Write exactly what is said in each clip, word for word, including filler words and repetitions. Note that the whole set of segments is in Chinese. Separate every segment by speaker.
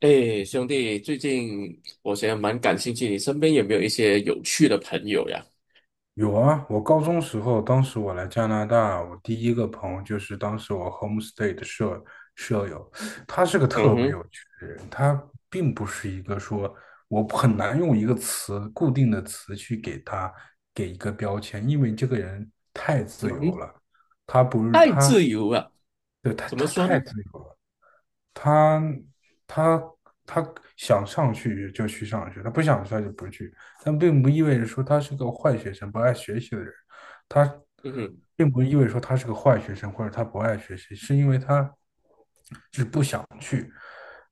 Speaker 1: 哎，兄弟，最近我觉得蛮感兴趣，你身边有没有一些有趣的朋友呀？
Speaker 2: 有啊。我高中时候，当时我来加拿大，我第一个朋友就是当时我 homestay 的舍舍友，他是个
Speaker 1: 嗯
Speaker 2: 特别
Speaker 1: 哼，
Speaker 2: 有趣的人。他并不是一个说，我很难用一个词固定的词去给他给一个标签，因为这个人太
Speaker 1: 嗯
Speaker 2: 自由
Speaker 1: 哼，
Speaker 2: 了。他不是
Speaker 1: 太
Speaker 2: 他，
Speaker 1: 自由了，
Speaker 2: 对，他
Speaker 1: 怎么
Speaker 2: 他
Speaker 1: 说
Speaker 2: 太
Speaker 1: 呢？
Speaker 2: 自由了。他他他想上去就去上学，他不想上就不去，但并不意味着说他是个坏学生、不爱学习的人。他
Speaker 1: 嗯哼，
Speaker 2: 并不意味着说他是个坏学生或者他不爱学习，是因为他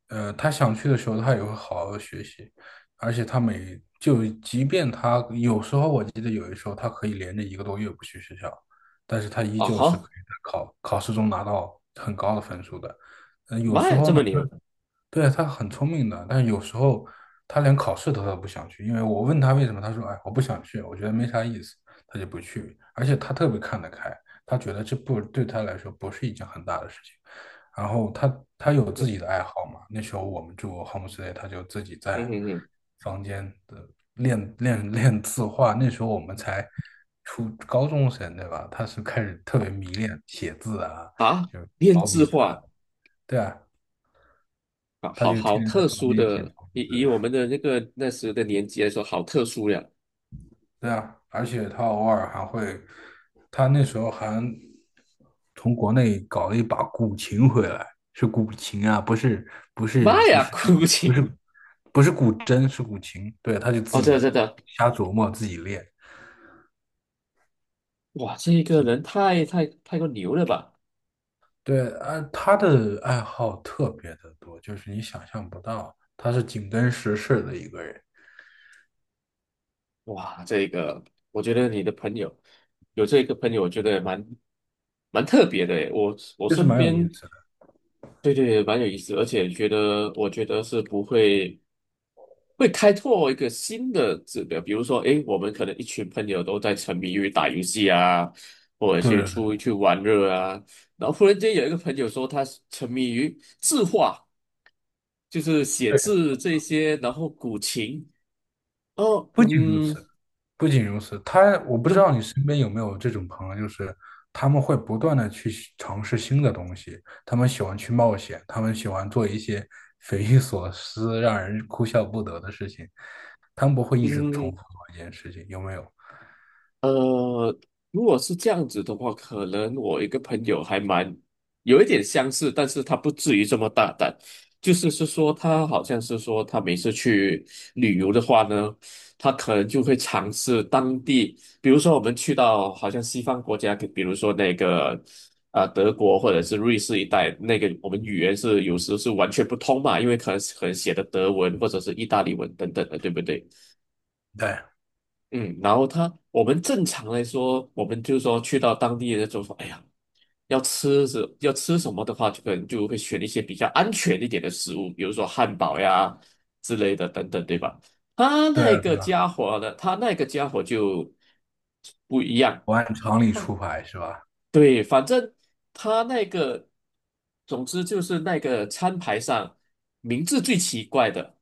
Speaker 2: 呃他想去的时候他也会好好学习。而且他每就即便他有时候，我记得有的时候他可以连着一个多月不去学校，但是他依
Speaker 1: 啊
Speaker 2: 旧是可
Speaker 1: 哈，
Speaker 2: 以在考考试中拿到很高的分数的。嗯，有
Speaker 1: 妈
Speaker 2: 时
Speaker 1: 呀，
Speaker 2: 候
Speaker 1: 这
Speaker 2: 呢。
Speaker 1: 么牛！
Speaker 2: 对，他很聪明的，但是有时候他连考试都他都不想去。因为我问他为什么，他说：“哎，我不想去，我觉得没啥意思。”他就不去，而且他特别看得开，他觉得这不对他来说不是一件很大的事情。然后他他
Speaker 1: 嗯
Speaker 2: 有自
Speaker 1: 哼，
Speaker 2: 己的爱好嘛。那时候我们住 homestay，他就自己
Speaker 1: 嗯
Speaker 2: 在
Speaker 1: 哼哼，
Speaker 2: 房间的练练练字画。那时候我们才初高中生，对吧？他是开始特别迷恋写字啊，
Speaker 1: 啊，
Speaker 2: 就是
Speaker 1: 编
Speaker 2: 毛
Speaker 1: 制
Speaker 2: 笔字。
Speaker 1: 化
Speaker 2: 对啊。
Speaker 1: 啊，
Speaker 2: 他
Speaker 1: 好
Speaker 2: 就
Speaker 1: 好
Speaker 2: 天天在
Speaker 1: 特
Speaker 2: 房
Speaker 1: 殊
Speaker 2: 间写
Speaker 1: 的，
Speaker 2: 房
Speaker 1: 以以我
Speaker 2: 子。
Speaker 1: 们的那个那时的年纪来说，好特殊呀！
Speaker 2: 对啊，而且他偶尔还会，他那时候还从国内搞了一把古琴回来。是古琴啊，不是，不
Speaker 1: 妈
Speaker 2: 是不
Speaker 1: 呀，
Speaker 2: 是，
Speaker 1: 哭
Speaker 2: 不
Speaker 1: 泣！
Speaker 2: 是不是古筝，是古琴。对，他就自
Speaker 1: 哦，真的
Speaker 2: 己
Speaker 1: 真的，
Speaker 2: 瞎琢磨，自己练。
Speaker 1: 哇，这个
Speaker 2: 是。
Speaker 1: 人太太太过牛了吧？
Speaker 2: 对，啊，他的爱好特别的多，就是你想象不到，他是紧跟时事的一个人，
Speaker 1: 哇，这个我觉得你的朋友有这个朋友，我觉得蛮蛮特别的诶。我我
Speaker 2: 就是
Speaker 1: 身
Speaker 2: 蛮有意
Speaker 1: 边，
Speaker 2: 思的。
Speaker 1: 对对，蛮有意思，而且觉得我觉得是不会会开拓一个新的指标，比如说，诶，我们可能一群朋友都在沉迷于打游戏啊，或者
Speaker 2: 对
Speaker 1: 去
Speaker 2: 对
Speaker 1: 出去玩乐啊，然后忽然间有一个朋友说他沉迷于字画，就是写
Speaker 2: 对，对，
Speaker 1: 字这些，然后古琴，哦，
Speaker 2: 不仅如
Speaker 1: 嗯，
Speaker 2: 此，不仅如此。他，我不知道
Speaker 1: 就
Speaker 2: 你身边有没有这种朋友，就是他们会不断的去尝试新的东西，他们喜欢去冒险，他们喜欢做一些匪夷所思、让人哭笑不得的事情，他们不会一直重
Speaker 1: 嗯。
Speaker 2: 复做一件事情，有没有？
Speaker 1: 呃，如果是这样子的话，可能我一个朋友还蛮有一点相似，但是他不至于这么大胆。就是是说，他好像是说，他每次去旅游的话呢，他可能就会尝试当地，比如说我们去到好像西方国家，比如说那个啊、呃德国或者是瑞士一带，那个我们语言是有时是完全不通嘛，因为可能可能写的德文或者是意大利文等等的，对不对？
Speaker 2: 对，
Speaker 1: 嗯，然后他，我们正常来说，我们就说去到当地的就说，哎呀，要吃什要吃什么的话，就可能就会选一些比较安全一点的食物，比如说汉堡呀之类的等等，对吧？他
Speaker 2: 对
Speaker 1: 那
Speaker 2: 啊，
Speaker 1: 个
Speaker 2: 对啊，
Speaker 1: 家伙呢，他那个家伙就不一样，
Speaker 2: 我按常理出牌是吧？
Speaker 1: 对，反正他那个，总之就是那个餐牌上名字最奇怪的，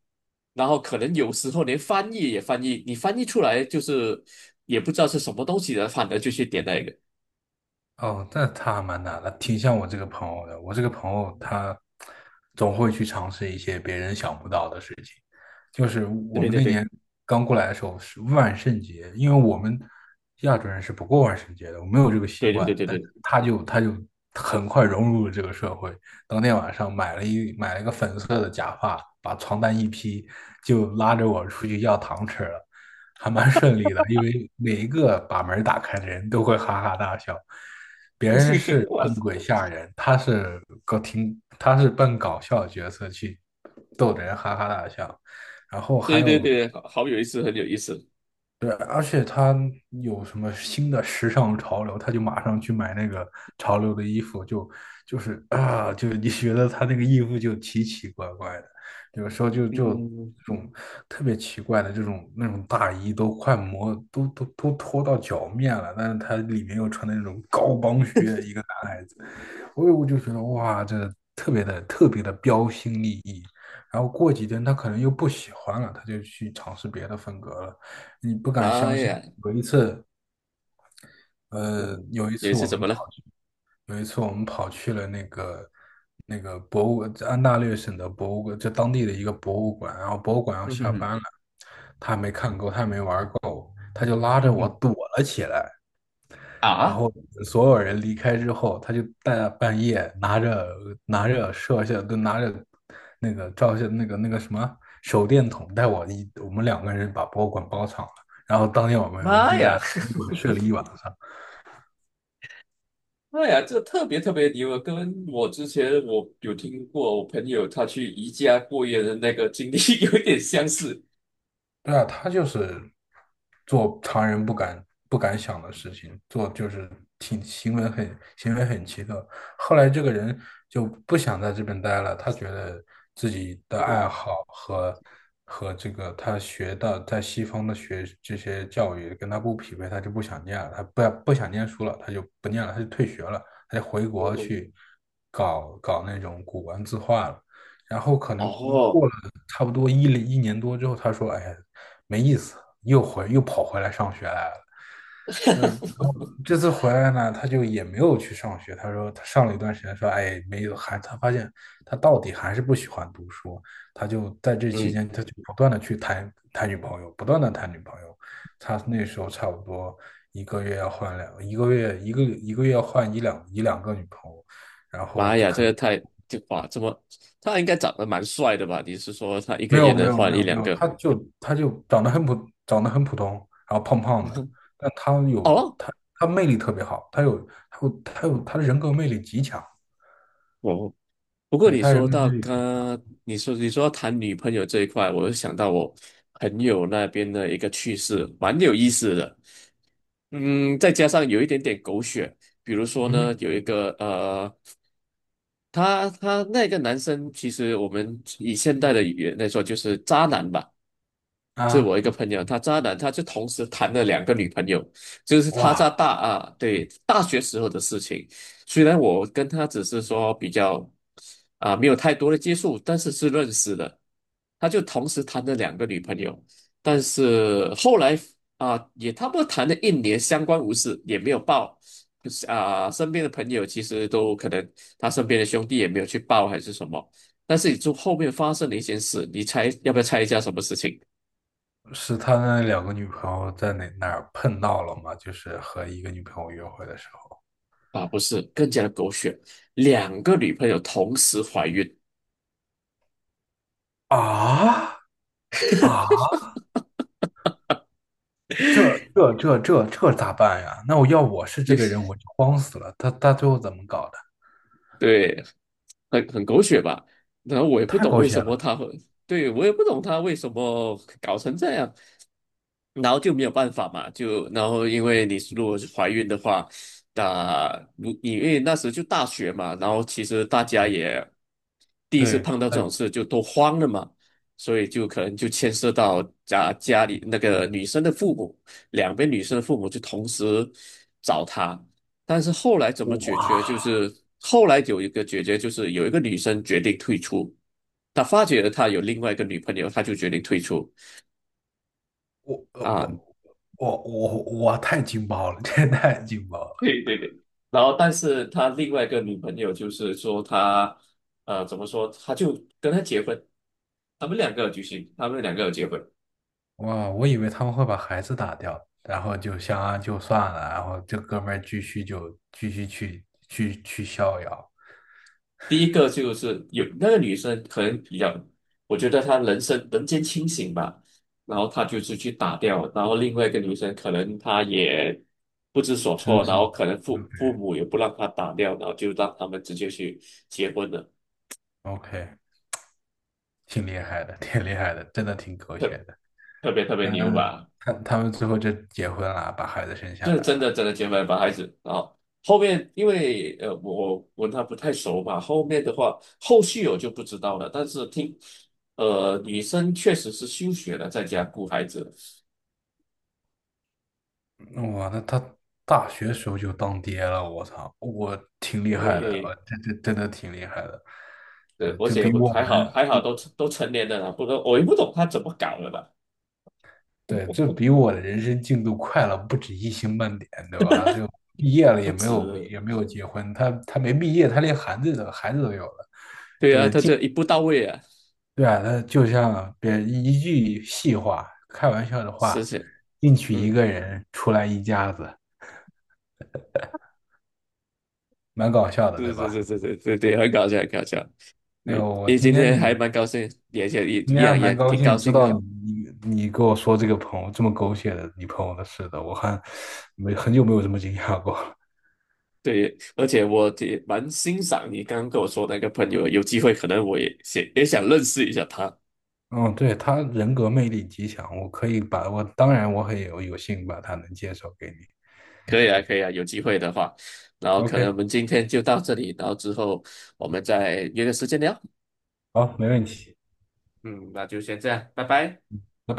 Speaker 1: 然后可能有时候连翻译也翻译，你翻译出来就是也不知道是什么东西的，反而就去点那个。
Speaker 2: 哦，那他还蛮难的，挺像我这个朋友的。我这个朋友他总会去尝试一些别人想不到的事情。就是
Speaker 1: 对
Speaker 2: 我
Speaker 1: 对
Speaker 2: 们
Speaker 1: 对
Speaker 2: 那
Speaker 1: 对
Speaker 2: 年刚过来的时候是万圣节，因为我们亚洲人是不过万圣节的，我没有这个习
Speaker 1: 对
Speaker 2: 惯。
Speaker 1: 对对
Speaker 2: 但是
Speaker 1: 对，
Speaker 2: 他就他就很快融入了这个社会。当天晚上买了一买了一个粉色的假发，把床单一披，就拉着我出去要糖吃了，还蛮顺利的。因为每一个把门打开的人都会哈哈大笑。别 人
Speaker 1: 对对
Speaker 2: 是
Speaker 1: 哇，
Speaker 2: 扮鬼吓人，他是搞挺，他是扮搞笑的角色去逗得人哈哈大笑。然后还
Speaker 1: 对对
Speaker 2: 有，
Speaker 1: 对，好好有意思，很有意思。
Speaker 2: 对，而且他有什么新的时尚潮流，他就马上去买那个潮流的衣服，就就是啊，就你觉得他那个衣服就奇奇怪怪的，有时候就就
Speaker 1: 嗯，
Speaker 2: 这种特别奇怪的这种那种大衣都快磨都都都脱到脚面了，但是他里面又穿的那种高帮靴，一个。所以我就觉得哇，这特别的特别的标新立异。然后过几天他可能又不喜欢了，他就去尝试别的风格了。你不敢
Speaker 1: 妈
Speaker 2: 相信，
Speaker 1: 呀，
Speaker 2: 有一次，呃，
Speaker 1: 嗯，
Speaker 2: 有一
Speaker 1: 有一
Speaker 2: 次
Speaker 1: 次
Speaker 2: 我
Speaker 1: 怎
Speaker 2: 们
Speaker 1: 么
Speaker 2: 跑，
Speaker 1: 了？
Speaker 2: 有一次我们跑去了那个那个博物，安大略省的博物馆，就当地的一个博物馆。然后博物馆 要
Speaker 1: 嗯哼
Speaker 2: 下
Speaker 1: 哼，
Speaker 2: 班了，他就拉着
Speaker 1: 嗯
Speaker 2: 我
Speaker 1: 哼，
Speaker 2: 躲了起来。然
Speaker 1: 啊，
Speaker 2: 后所有人离开之后，他就大半夜拿着拿着摄像，就拿着那个照相那个那个什么手电筒，带我一我们两个人把博物馆包场了。然后当天晚上我
Speaker 1: 妈
Speaker 2: 就在
Speaker 1: 呀！
Speaker 2: 博物 馆睡了一晚上。
Speaker 1: 哎呀，这特别特别牛啊！跟我之前我有听过我朋友他去宜家过夜的那个经历 有一点相似。
Speaker 2: 对啊，他就是做常人不敢不敢想的事情，做就是挺行为很行为很奇特。后来这个人就不想在这边待了。他觉得自己的 爱
Speaker 1: 嗯
Speaker 2: 好和和这个他学的在西方的学这些教育跟他不匹配，他就不想念了，他不不想念书了，他就不念了，他就退学了，他就回
Speaker 1: 嗯
Speaker 2: 国
Speaker 1: 嗯
Speaker 2: 去搞搞那种古玩字画了。然后可能过过
Speaker 1: 哦，
Speaker 2: 了差不多一一年多之后，他说：“哎呀，没意思。”又回又跑回来上学来了。嗯，然后这次回来呢，他就也没有去上学。他说他上了一段时间，说哎，没有，还他发现他到底还是不喜欢读书。他就在这期
Speaker 1: 嗯，
Speaker 2: 间，他就不断的去谈谈女朋友，不断的谈女朋友。他那时候差不多一个月要换两，一个月一个一个月要换一两一两个女朋友，然后
Speaker 1: 妈呀，这
Speaker 2: 可
Speaker 1: 个
Speaker 2: 能
Speaker 1: 太就哇，这么他应该长得蛮帅的吧？你是说他一个
Speaker 2: 没
Speaker 1: 月
Speaker 2: 有没
Speaker 1: 能
Speaker 2: 有
Speaker 1: 换
Speaker 2: 没
Speaker 1: 一
Speaker 2: 有
Speaker 1: 两
Speaker 2: 没有，
Speaker 1: 个？
Speaker 2: 他就他就长得很普长得很普通，然后胖胖的，但他有
Speaker 1: 哦，
Speaker 2: 他他魅力特别好，他有他有他有他的人格魅力极强。
Speaker 1: 哦，不过
Speaker 2: 对，
Speaker 1: 你
Speaker 2: 他人
Speaker 1: 说
Speaker 2: 格
Speaker 1: 到
Speaker 2: 魅力极强。
Speaker 1: 刚，你说你说到谈女朋友这一块，我就想到我朋友那边的一个趣事，蛮有意思的。嗯，再加上有一点点狗血，比如说呢，
Speaker 2: 嗯，
Speaker 1: 有一个呃。他他那个男生，其实我们以现代的语言来说，就是渣男吧。这我
Speaker 2: 啊，
Speaker 1: 一个朋友，他渣男，他就同时谈了两个女朋友，就是他在
Speaker 2: 哇，
Speaker 1: 大啊，对，大学时候的事情。虽然我跟他只是说比较啊，没有太多的接触，但是是认识的。他就同时谈了两个女朋友，但是后来啊，也差不多谈了一年，相安无事，也没有报。啊，身边的朋友其实都可能他身边的兄弟也没有去报还是什么。但是你就后面发生了一件事，你猜要不要猜一下什么事情
Speaker 2: 是他那两个女朋友在哪哪儿碰到了吗？就是和一个女朋友约会的时候
Speaker 1: 啊？不是，更加的狗血，两个女朋友同时怀孕，
Speaker 2: 啊？啊，这这这这这咋办呀？那我要我是这个人，我就慌死了。他他最后怎么搞的？
Speaker 1: 对。很很狗血吧。然后我也不
Speaker 2: 太
Speaker 1: 懂
Speaker 2: 狗
Speaker 1: 为
Speaker 2: 血
Speaker 1: 什么
Speaker 2: 了。
Speaker 1: 他会，对，我也不懂他为什么搞成这样。然后就没有办法嘛，就然后因为你如果是怀孕的话，那如因为那时就大学嘛，然后其实大家也第一次
Speaker 2: 对，
Speaker 1: 碰到这种
Speaker 2: 嗯，
Speaker 1: 事就都慌了嘛，所以就可能就牵涉到家家里那个女生的父母，两边女生的父母就同时找他，但是后来怎么解
Speaker 2: 哇。
Speaker 1: 决？就是后来有一个解决，就是有一个女生决定退出，她发觉了她有另外一个女朋友，她就决定退出
Speaker 2: 我呃
Speaker 1: 啊。
Speaker 2: 我我我我太劲爆了，这太劲爆了！
Speaker 1: 对对对。然后，但是他另外一个女朋友就是说他呃，怎么说？他就跟他结婚，他们两个有举行，他们两个有结婚。
Speaker 2: 哇，我以为他们会把孩子打掉，然后就相安就算了，然后这哥们儿继续就继续去去去逍遥，
Speaker 1: 第一个就是有那个女生可能比较，我觉得她人生人间清醒吧，然后她就是去打掉，然后另外一个女生可能她也不知所
Speaker 2: 真
Speaker 1: 措，然
Speaker 2: 是。
Speaker 1: 后可能父父母也不让她打掉，然后就让他们直接去结婚了，
Speaker 2: OK，挺厉害的，挺厉害的，真的挺狗血
Speaker 1: 特
Speaker 2: 的。
Speaker 1: 特别特别牛
Speaker 2: 嗯，
Speaker 1: 吧，
Speaker 2: 他他们最后就结婚了，把孩子生下
Speaker 1: 这
Speaker 2: 来
Speaker 1: 真
Speaker 2: 了。
Speaker 1: 的真的结婚了把孩子，然后后面因为呃我我跟她不太熟嘛，后面的话后续我就不知道了，但是听呃女生确实是休学了，在家顾孩子。
Speaker 2: 哇，那他大学时候就当爹了。我操，我挺厉害的，呃
Speaker 1: 对，
Speaker 2: 这这真的挺厉害的，
Speaker 1: 对，
Speaker 2: 呃
Speaker 1: 而
Speaker 2: 就
Speaker 1: 且
Speaker 2: 比
Speaker 1: 我
Speaker 2: 我。
Speaker 1: 还好，还好都都成年了啦，不然我也不懂他怎么搞的吧，
Speaker 2: 对，这比我的人生进度快了不止一星半点，对吧？就毕业了也
Speaker 1: 不
Speaker 2: 没有
Speaker 1: 止，
Speaker 2: 也没有结婚，他他没毕业，他连孩子都孩子都有了。
Speaker 1: 对啊，他这一步到位啊，
Speaker 2: 对啊，他就像别一句戏话，开玩笑的
Speaker 1: 是
Speaker 2: 话，
Speaker 1: 是，
Speaker 2: 进去一
Speaker 1: 嗯，
Speaker 2: 个人，出来一家子，蛮搞笑的，对
Speaker 1: 是是
Speaker 2: 吧？
Speaker 1: 是是是对对，很搞笑，很搞笑。
Speaker 2: 哎呦，
Speaker 1: 你
Speaker 2: 我
Speaker 1: 你
Speaker 2: 今
Speaker 1: 今
Speaker 2: 天你
Speaker 1: 天还蛮高兴，也也也
Speaker 2: 今
Speaker 1: 一
Speaker 2: 天还
Speaker 1: 样也
Speaker 2: 蛮高
Speaker 1: 挺高
Speaker 2: 兴，知
Speaker 1: 兴
Speaker 2: 道
Speaker 1: 啊。
Speaker 2: 你你跟我说这个朋友这么狗血的你朋友的事的，我还没很久没有这么惊讶过。
Speaker 1: 对，而且我也蛮欣赏你刚刚跟我说那个朋友，有机会可能我也想也想认识一下他。
Speaker 2: 嗯，对，他人格魅力极强。我可以把我，当然我很有有幸把他能介绍给你。
Speaker 1: 可以啊，可以啊，有机会的话，然后可能我
Speaker 2: OK，
Speaker 1: 们今天就到这里，然后之后我们再约个时间聊。
Speaker 2: 好，没问题。
Speaker 1: 嗯，那就先这样，拜拜。
Speaker 2: 拜拜。